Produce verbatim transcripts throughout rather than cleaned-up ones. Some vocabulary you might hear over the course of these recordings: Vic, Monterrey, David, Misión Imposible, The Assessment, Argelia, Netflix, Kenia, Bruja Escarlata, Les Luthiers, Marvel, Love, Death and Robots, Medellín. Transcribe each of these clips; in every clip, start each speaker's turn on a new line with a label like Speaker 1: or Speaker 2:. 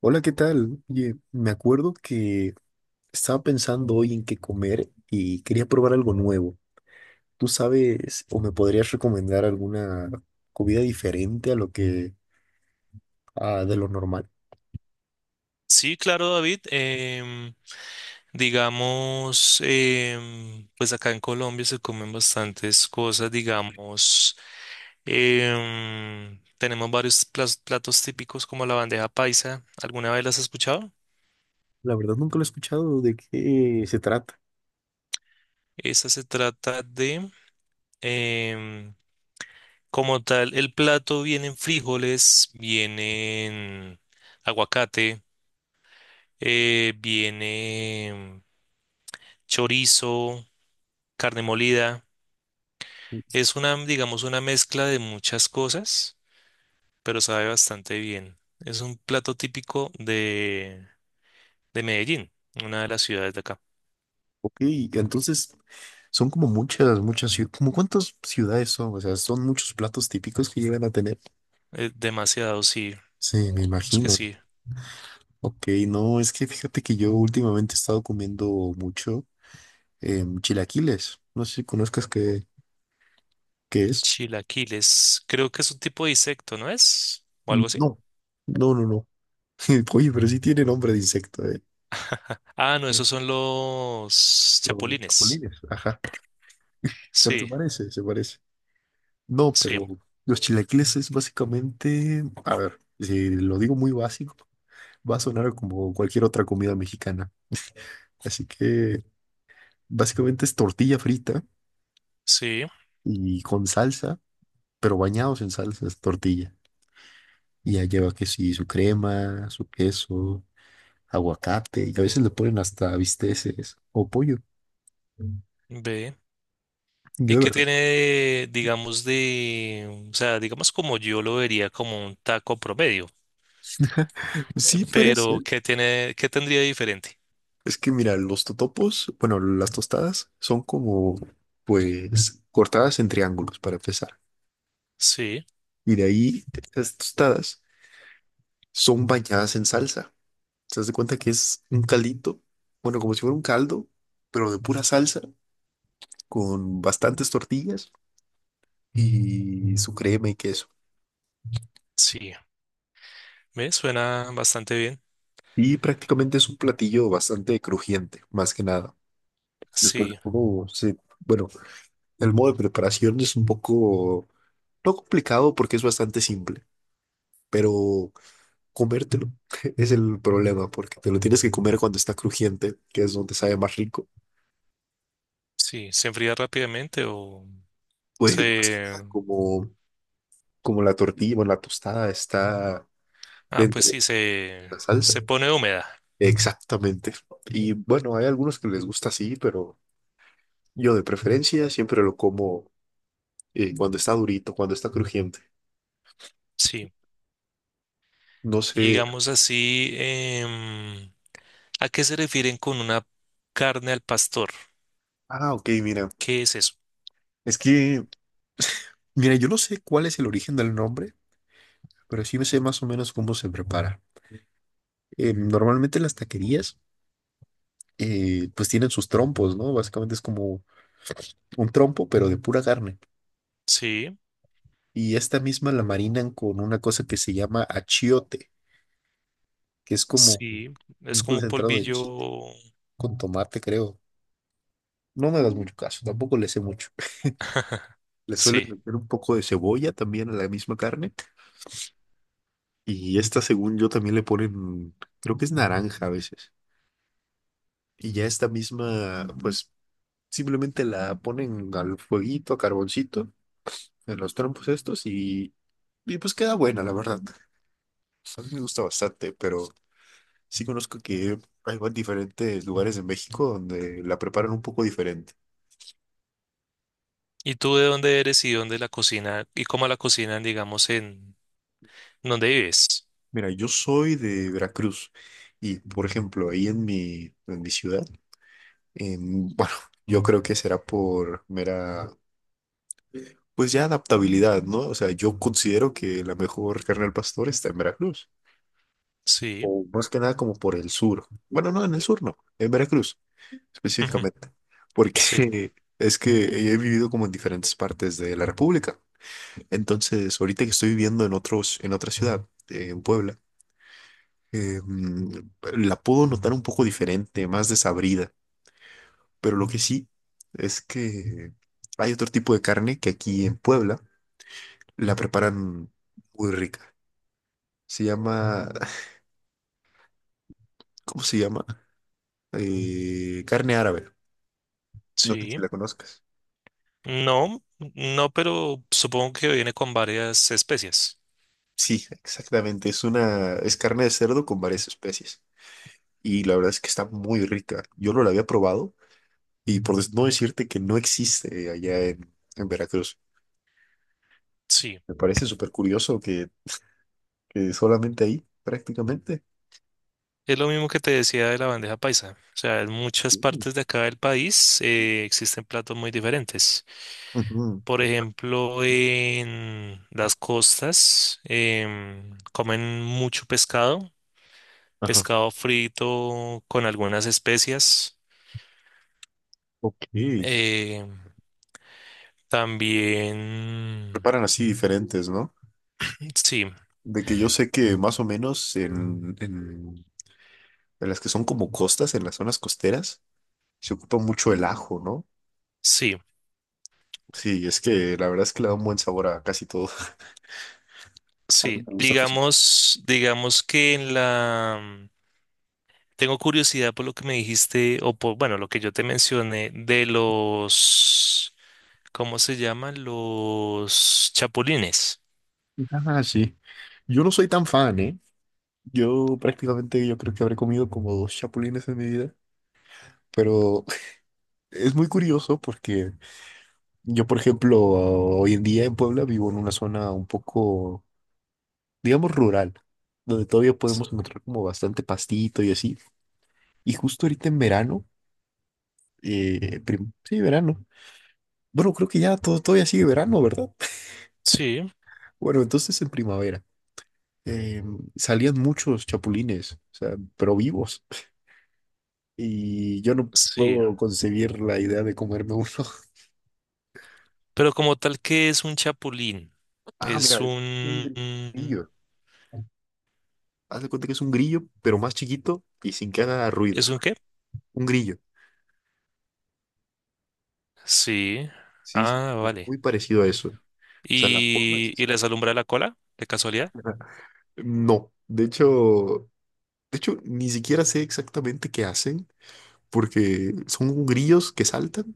Speaker 1: Hola, ¿qué tal? Oye, me acuerdo que estaba pensando hoy en qué comer y quería probar algo nuevo. ¿Tú sabes o me podrías recomendar alguna comida diferente a lo que a, de lo normal?
Speaker 2: Sí, claro, David. Em, digamos, em, pues acá en Colombia se comen bastantes cosas, digamos. Em, tenemos varios plas- platos típicos como la bandeja paisa. ¿Alguna vez las has escuchado?
Speaker 1: La verdad nunca lo he escuchado de qué se trata.
Speaker 2: Esa se trata de, em, como tal, el plato vienen frijoles, vienen aguacate, eh, viene chorizo, carne molida. Es una, digamos, una mezcla de muchas cosas, pero sabe bastante bien. Es un plato típico de, de Medellín, una de las ciudades de acá.
Speaker 1: Ok, entonces son como muchas, muchas ciudades. ¿Como cuántas ciudades son? O sea, son muchos platos típicos que llegan a tener.
Speaker 2: Eh, demasiado, sí.
Speaker 1: Sí, me
Speaker 2: Es que
Speaker 1: imagino.
Speaker 2: sí.
Speaker 1: Ok, no, es que fíjate que yo últimamente he estado comiendo mucho. Em, chilaquiles. No sé si conozcas qué, qué es.
Speaker 2: Chilaquiles. Creo que es un tipo de insecto, ¿no es? O algo así.
Speaker 1: No, no, no, no. Oye, pero sí tiene nombre de insecto, ¿eh?
Speaker 2: Ah, no, esos son los
Speaker 1: Los
Speaker 2: chapulines.
Speaker 1: chapulines, ajá. Pero se
Speaker 2: Sí,
Speaker 1: parece, se parece. No, pero
Speaker 2: sí,
Speaker 1: los chilaquiles es básicamente, a ver, si lo digo muy básico, va a sonar como cualquier otra comida mexicana. Así que básicamente es tortilla frita
Speaker 2: sí.
Speaker 1: y con salsa, pero bañados en salsa es tortilla. Y ya lleva que sí, su crema, su queso, aguacate y a veces le ponen hasta bisteces o pollo.
Speaker 2: Ve.
Speaker 1: Yo
Speaker 2: ¿Y
Speaker 1: de
Speaker 2: qué
Speaker 1: verdad.
Speaker 2: tiene, digamos, de, o sea, digamos como yo lo vería como un taco promedio?
Speaker 1: Sí, podría
Speaker 2: Pero,
Speaker 1: ser.
Speaker 2: ¿qué tiene, qué tendría de diferente?
Speaker 1: Es que mira, los totopos, bueno, las tostadas son como, pues, cortadas en triángulos para empezar.
Speaker 2: Sí,
Speaker 1: Y de ahí, las tostadas son bañadas en salsa. ¿Te das de cuenta que es un caldito? Bueno, como si fuera un caldo, pero de pura salsa, con bastantes tortillas y su crema y queso.
Speaker 2: sí. Me suena bastante bien.
Speaker 1: Y prácticamente es un platillo bastante crujiente, más que nada. Después,
Speaker 2: Sí,
Speaker 1: oh, sí. Bueno, el modo de preparación es un poco, no complicado porque es bastante simple, pero comértelo es el problema porque te lo tienes que comer cuando está crujiente, que es donde sabe más rico.
Speaker 2: sí. ¿Se enfría rápidamente o
Speaker 1: Pues más que
Speaker 2: se...
Speaker 1: nada, como, como la tortilla, bueno, la tostada está
Speaker 2: Ah,
Speaker 1: dentro
Speaker 2: pues
Speaker 1: de
Speaker 2: sí, se,
Speaker 1: la salsa.
Speaker 2: se pone húmeda.
Speaker 1: Exactamente. Y bueno, hay algunos que les gusta así, pero yo de preferencia siempre lo como eh, cuando está durito, cuando está crujiente.
Speaker 2: Sí.
Speaker 1: No
Speaker 2: Y
Speaker 1: sé.
Speaker 2: digamos así, em, ¿a qué se refieren con una carne al pastor?
Speaker 1: Ah, ok, mira.
Speaker 2: ¿Qué es eso?
Speaker 1: Es que Mira, yo no sé cuál es el origen del nombre, pero sí me sé más o menos cómo se prepara. Eh, normalmente las taquerías, eh, pues tienen sus trompos, ¿no? Básicamente es como un trompo, pero de pura carne.
Speaker 2: Sí,
Speaker 1: Y esta misma la marinan con una cosa que se llama achiote, que es como
Speaker 2: sí.
Speaker 1: un
Speaker 2: Es como un
Speaker 1: concentrado de chi-
Speaker 2: polvillo.
Speaker 1: con tomate, creo. No me das mucho caso, tampoco le sé mucho. Le suelen
Speaker 2: Sí.
Speaker 1: meter un poco de cebolla también a la misma carne. Y esta, según yo, también le ponen, creo que es naranja a veces. Y ya esta misma, pues simplemente la ponen al fueguito, a carboncito, en los trompos estos y, y pues queda buena, la verdad. A mí me gusta bastante, pero sí conozco que hay va- diferentes lugares en México donde la preparan un poco diferente.
Speaker 2: ¿Y tú de dónde eres y dónde la cocina y cómo la cocinan, digamos, en donde vives?
Speaker 1: Mira, yo soy de Veracruz y, por ejemplo, ahí en mi, en mi ciudad, em, bueno, yo creo que será por mera, pues ya adaptabilidad, ¿no? O sea, yo considero que la mejor carne al pastor está en Veracruz,
Speaker 2: Sí,
Speaker 1: o más que nada como por el sur. Bueno, no, en el sur no, en Veracruz
Speaker 2: ujú,
Speaker 1: específicamente, porque
Speaker 2: sí,
Speaker 1: es que he vivido como en diferentes partes de la República. Entonces, ahorita que estoy viviendo en otros, en otra ciudad, eh, en Puebla, eh, mm, la puedo notar un poco diferente, más desabrida, pero lo que sí es que hay otro tipo de carne que aquí en Puebla la preparan muy rica. Se llama, ¿cómo se llama? Eh, carne árabe. No sé
Speaker 2: sí.
Speaker 1: si la conozcas.
Speaker 2: No, no, pero supongo que viene con varias especies.
Speaker 1: Sí, exactamente. Es una, es carne de cerdo con varias especies. Y la verdad es que está muy rica. Yo no la había probado y por des- no decirte que no existe allá en, en Veracruz.
Speaker 2: Sí,
Speaker 1: Me parece súper curioso que, que solamente ahí, prácticamente.
Speaker 2: es lo mismo que te decía de la bandeja paisa. O sea, en muchas
Speaker 1: Sí.
Speaker 2: partes de acá del país eh, existen platos muy diferentes.
Speaker 1: Ujú.
Speaker 2: Por ejemplo, en las costas em, comen mucho pescado,
Speaker 1: Ajá.
Speaker 2: pescado frito con algunas especias.
Speaker 1: Ok.
Speaker 2: eh, También,
Speaker 1: Preparan así diferentes, ¿no?
Speaker 2: sí,
Speaker 1: De que yo sé que más o menos en, en, en las que son como costas, en las zonas costeras, se ocupa mucho el ajo, ¿no?
Speaker 2: sí.
Speaker 1: Sí, es que la verdad es que le da un buen sabor a casi todo. A mí
Speaker 2: Sí,
Speaker 1: me gusta cocinar.
Speaker 2: digamos, digamos que en la... mm, Tengo curiosidad por lo que me dijiste, o por, bueno, lo que yo te mencioné de los, ¿cómo se llaman? Los chapulines.
Speaker 1: Ah, sí. Yo no soy tan fan, ¿eh? Yo prácticamente yo creo que habré comido como dos chapulines en mi vida, pero es muy curioso porque yo, por ejemplo, hoy en día en Puebla vivo en una zona un poco, digamos, rural, donde todavía podemos encontrar como bastante pastito y así. Y justo ahorita en verano, eh, prim- sí, verano. Bueno, creo que ya todo, todavía sigue verano, ¿verdad?
Speaker 2: Sí,
Speaker 1: Bueno, entonces en primavera. eh, Salían muchos chapulines, o sea, pero vivos, y yo no
Speaker 2: sí.
Speaker 1: puedo concebir la idea de comerme uno.
Speaker 2: Pero como tal, ¿qué es un chapulín?
Speaker 1: Ah, mira,
Speaker 2: Es
Speaker 1: es un
Speaker 2: un...
Speaker 1: grillo. Haz de cuenta que es un grillo, pero más chiquito y sin que haga ruido.
Speaker 2: ¿Es un qué?
Speaker 1: Un grillo.
Speaker 2: Sí.
Speaker 1: Sí, sí,
Speaker 2: Ah,
Speaker 1: es
Speaker 2: vale.
Speaker 1: muy parecido a eso. O sea, la forma es
Speaker 2: Y, y
Speaker 1: esa.
Speaker 2: les alumbra la cola, de casualidad.
Speaker 1: No, de hecho, de hecho, ni siquiera sé exactamente qué hacen, porque son grillos que saltan,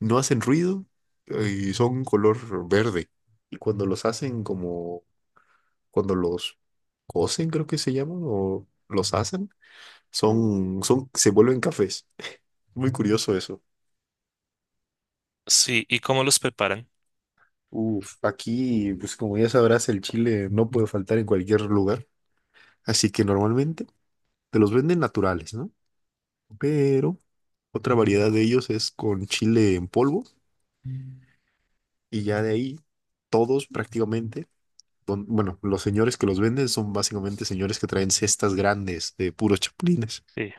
Speaker 1: no hacen ruido eh, y son color verde. Y cuando los hacen como cuando los cocen, creo que se llaman, o los hacen, son, son, se vuelven cafés. Muy curioso eso.
Speaker 2: Sí, ¿y cómo los preparan?
Speaker 1: Uf, aquí, pues como ya sabrás, el chile no puede faltar en cualquier lugar. Así que normalmente te los venden naturales, ¿no? Pero otra variedad de ellos es con chile en polvo y ya de ahí todos prácticamente, don- bueno, los señores que los venden son básicamente señores que traen cestas grandes de puros chapulines,
Speaker 2: Sí,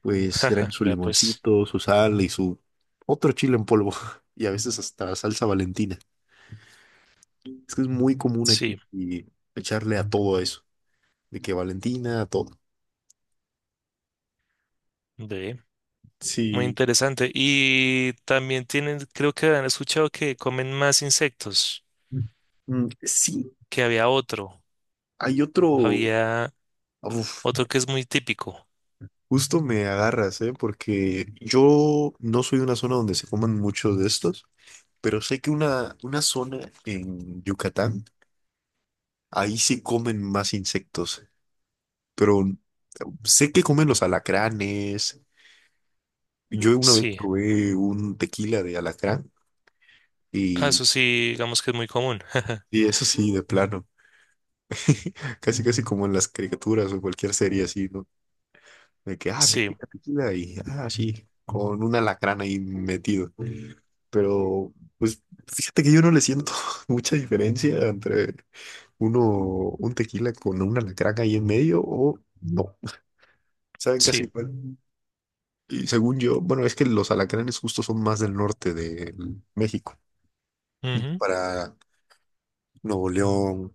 Speaker 1: pues traen su
Speaker 2: vea pues.
Speaker 1: limoncito, su sal y su otro chile en polvo y a veces hasta salsa Valentina. Es que es muy común aquí
Speaker 2: Sí,
Speaker 1: y echarle a todo eso, de que Valentina, a todo.
Speaker 2: ve. Muy
Speaker 1: Sí,
Speaker 2: interesante. Y también tienen, creo que han escuchado que comen más insectos,
Speaker 1: mm, sí,
Speaker 2: que había otro,
Speaker 1: hay otro,
Speaker 2: había
Speaker 1: uf,
Speaker 2: otro que es muy típico.
Speaker 1: justo me agarras, ¿eh? Porque yo no soy de una zona donde se coman muchos de estos, pero sé que una, una zona en Yucatán, ahí sí comen más insectos, pero... Sé que comen los alacranes. Yo una vez
Speaker 2: Sí,
Speaker 1: probé un tequila de alacrán
Speaker 2: ah,
Speaker 1: y,
Speaker 2: eso sí, digamos que es muy común.
Speaker 1: y eso sí, de plano. Casi, casi como en las caricaturas o cualquier serie así, ¿no? De que, ah,
Speaker 2: Sí,
Speaker 1: tequila, tequila y, ah, sí, con un alacrán ahí metido. Pero, pues, fíjate que yo no le siento mucha diferencia entre uno, un tequila con un alacrán ahí en medio o no. Saben casi
Speaker 2: sí.
Speaker 1: igual. Y según yo, bueno, es que los alacranes justo son más del norte de México.
Speaker 2: Ujú.
Speaker 1: Para Nuevo León,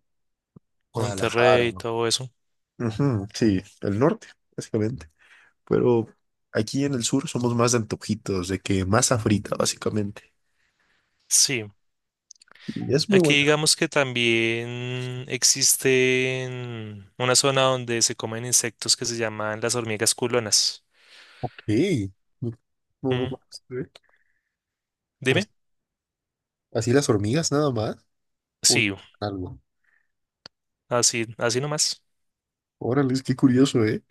Speaker 1: Guadalajara.
Speaker 2: Monterrey, todo eso.
Speaker 1: Ujú, sí, el norte, básicamente. Pero aquí en el sur somos más de antojitos, de que masa frita, básicamente.
Speaker 2: Sí,
Speaker 1: Y es muy
Speaker 2: aquí
Speaker 1: buena.
Speaker 2: digamos que también existe una zona donde se comen insectos que se llaman las hormigas culonas.
Speaker 1: Ok. Mm, no- no lo
Speaker 2: Mm,
Speaker 1: conozco, ¿eh? Pero
Speaker 2: dime.
Speaker 1: es- Así las hormigas nada más. O no,
Speaker 2: Sí,
Speaker 1: algo.
Speaker 2: así, así nomás.
Speaker 1: Órale, es que curioso, ¿eh?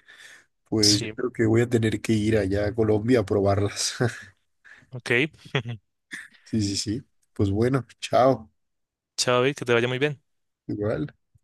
Speaker 1: Pues yo
Speaker 2: Sí,
Speaker 1: creo que voy a tener que ir allá a Colombia a probarlas.
Speaker 2: ok.
Speaker 1: Sí, sí, sí. Pues bueno, chao.
Speaker 2: Chao, Vic, que te vaya muy bien.
Speaker 1: Igual.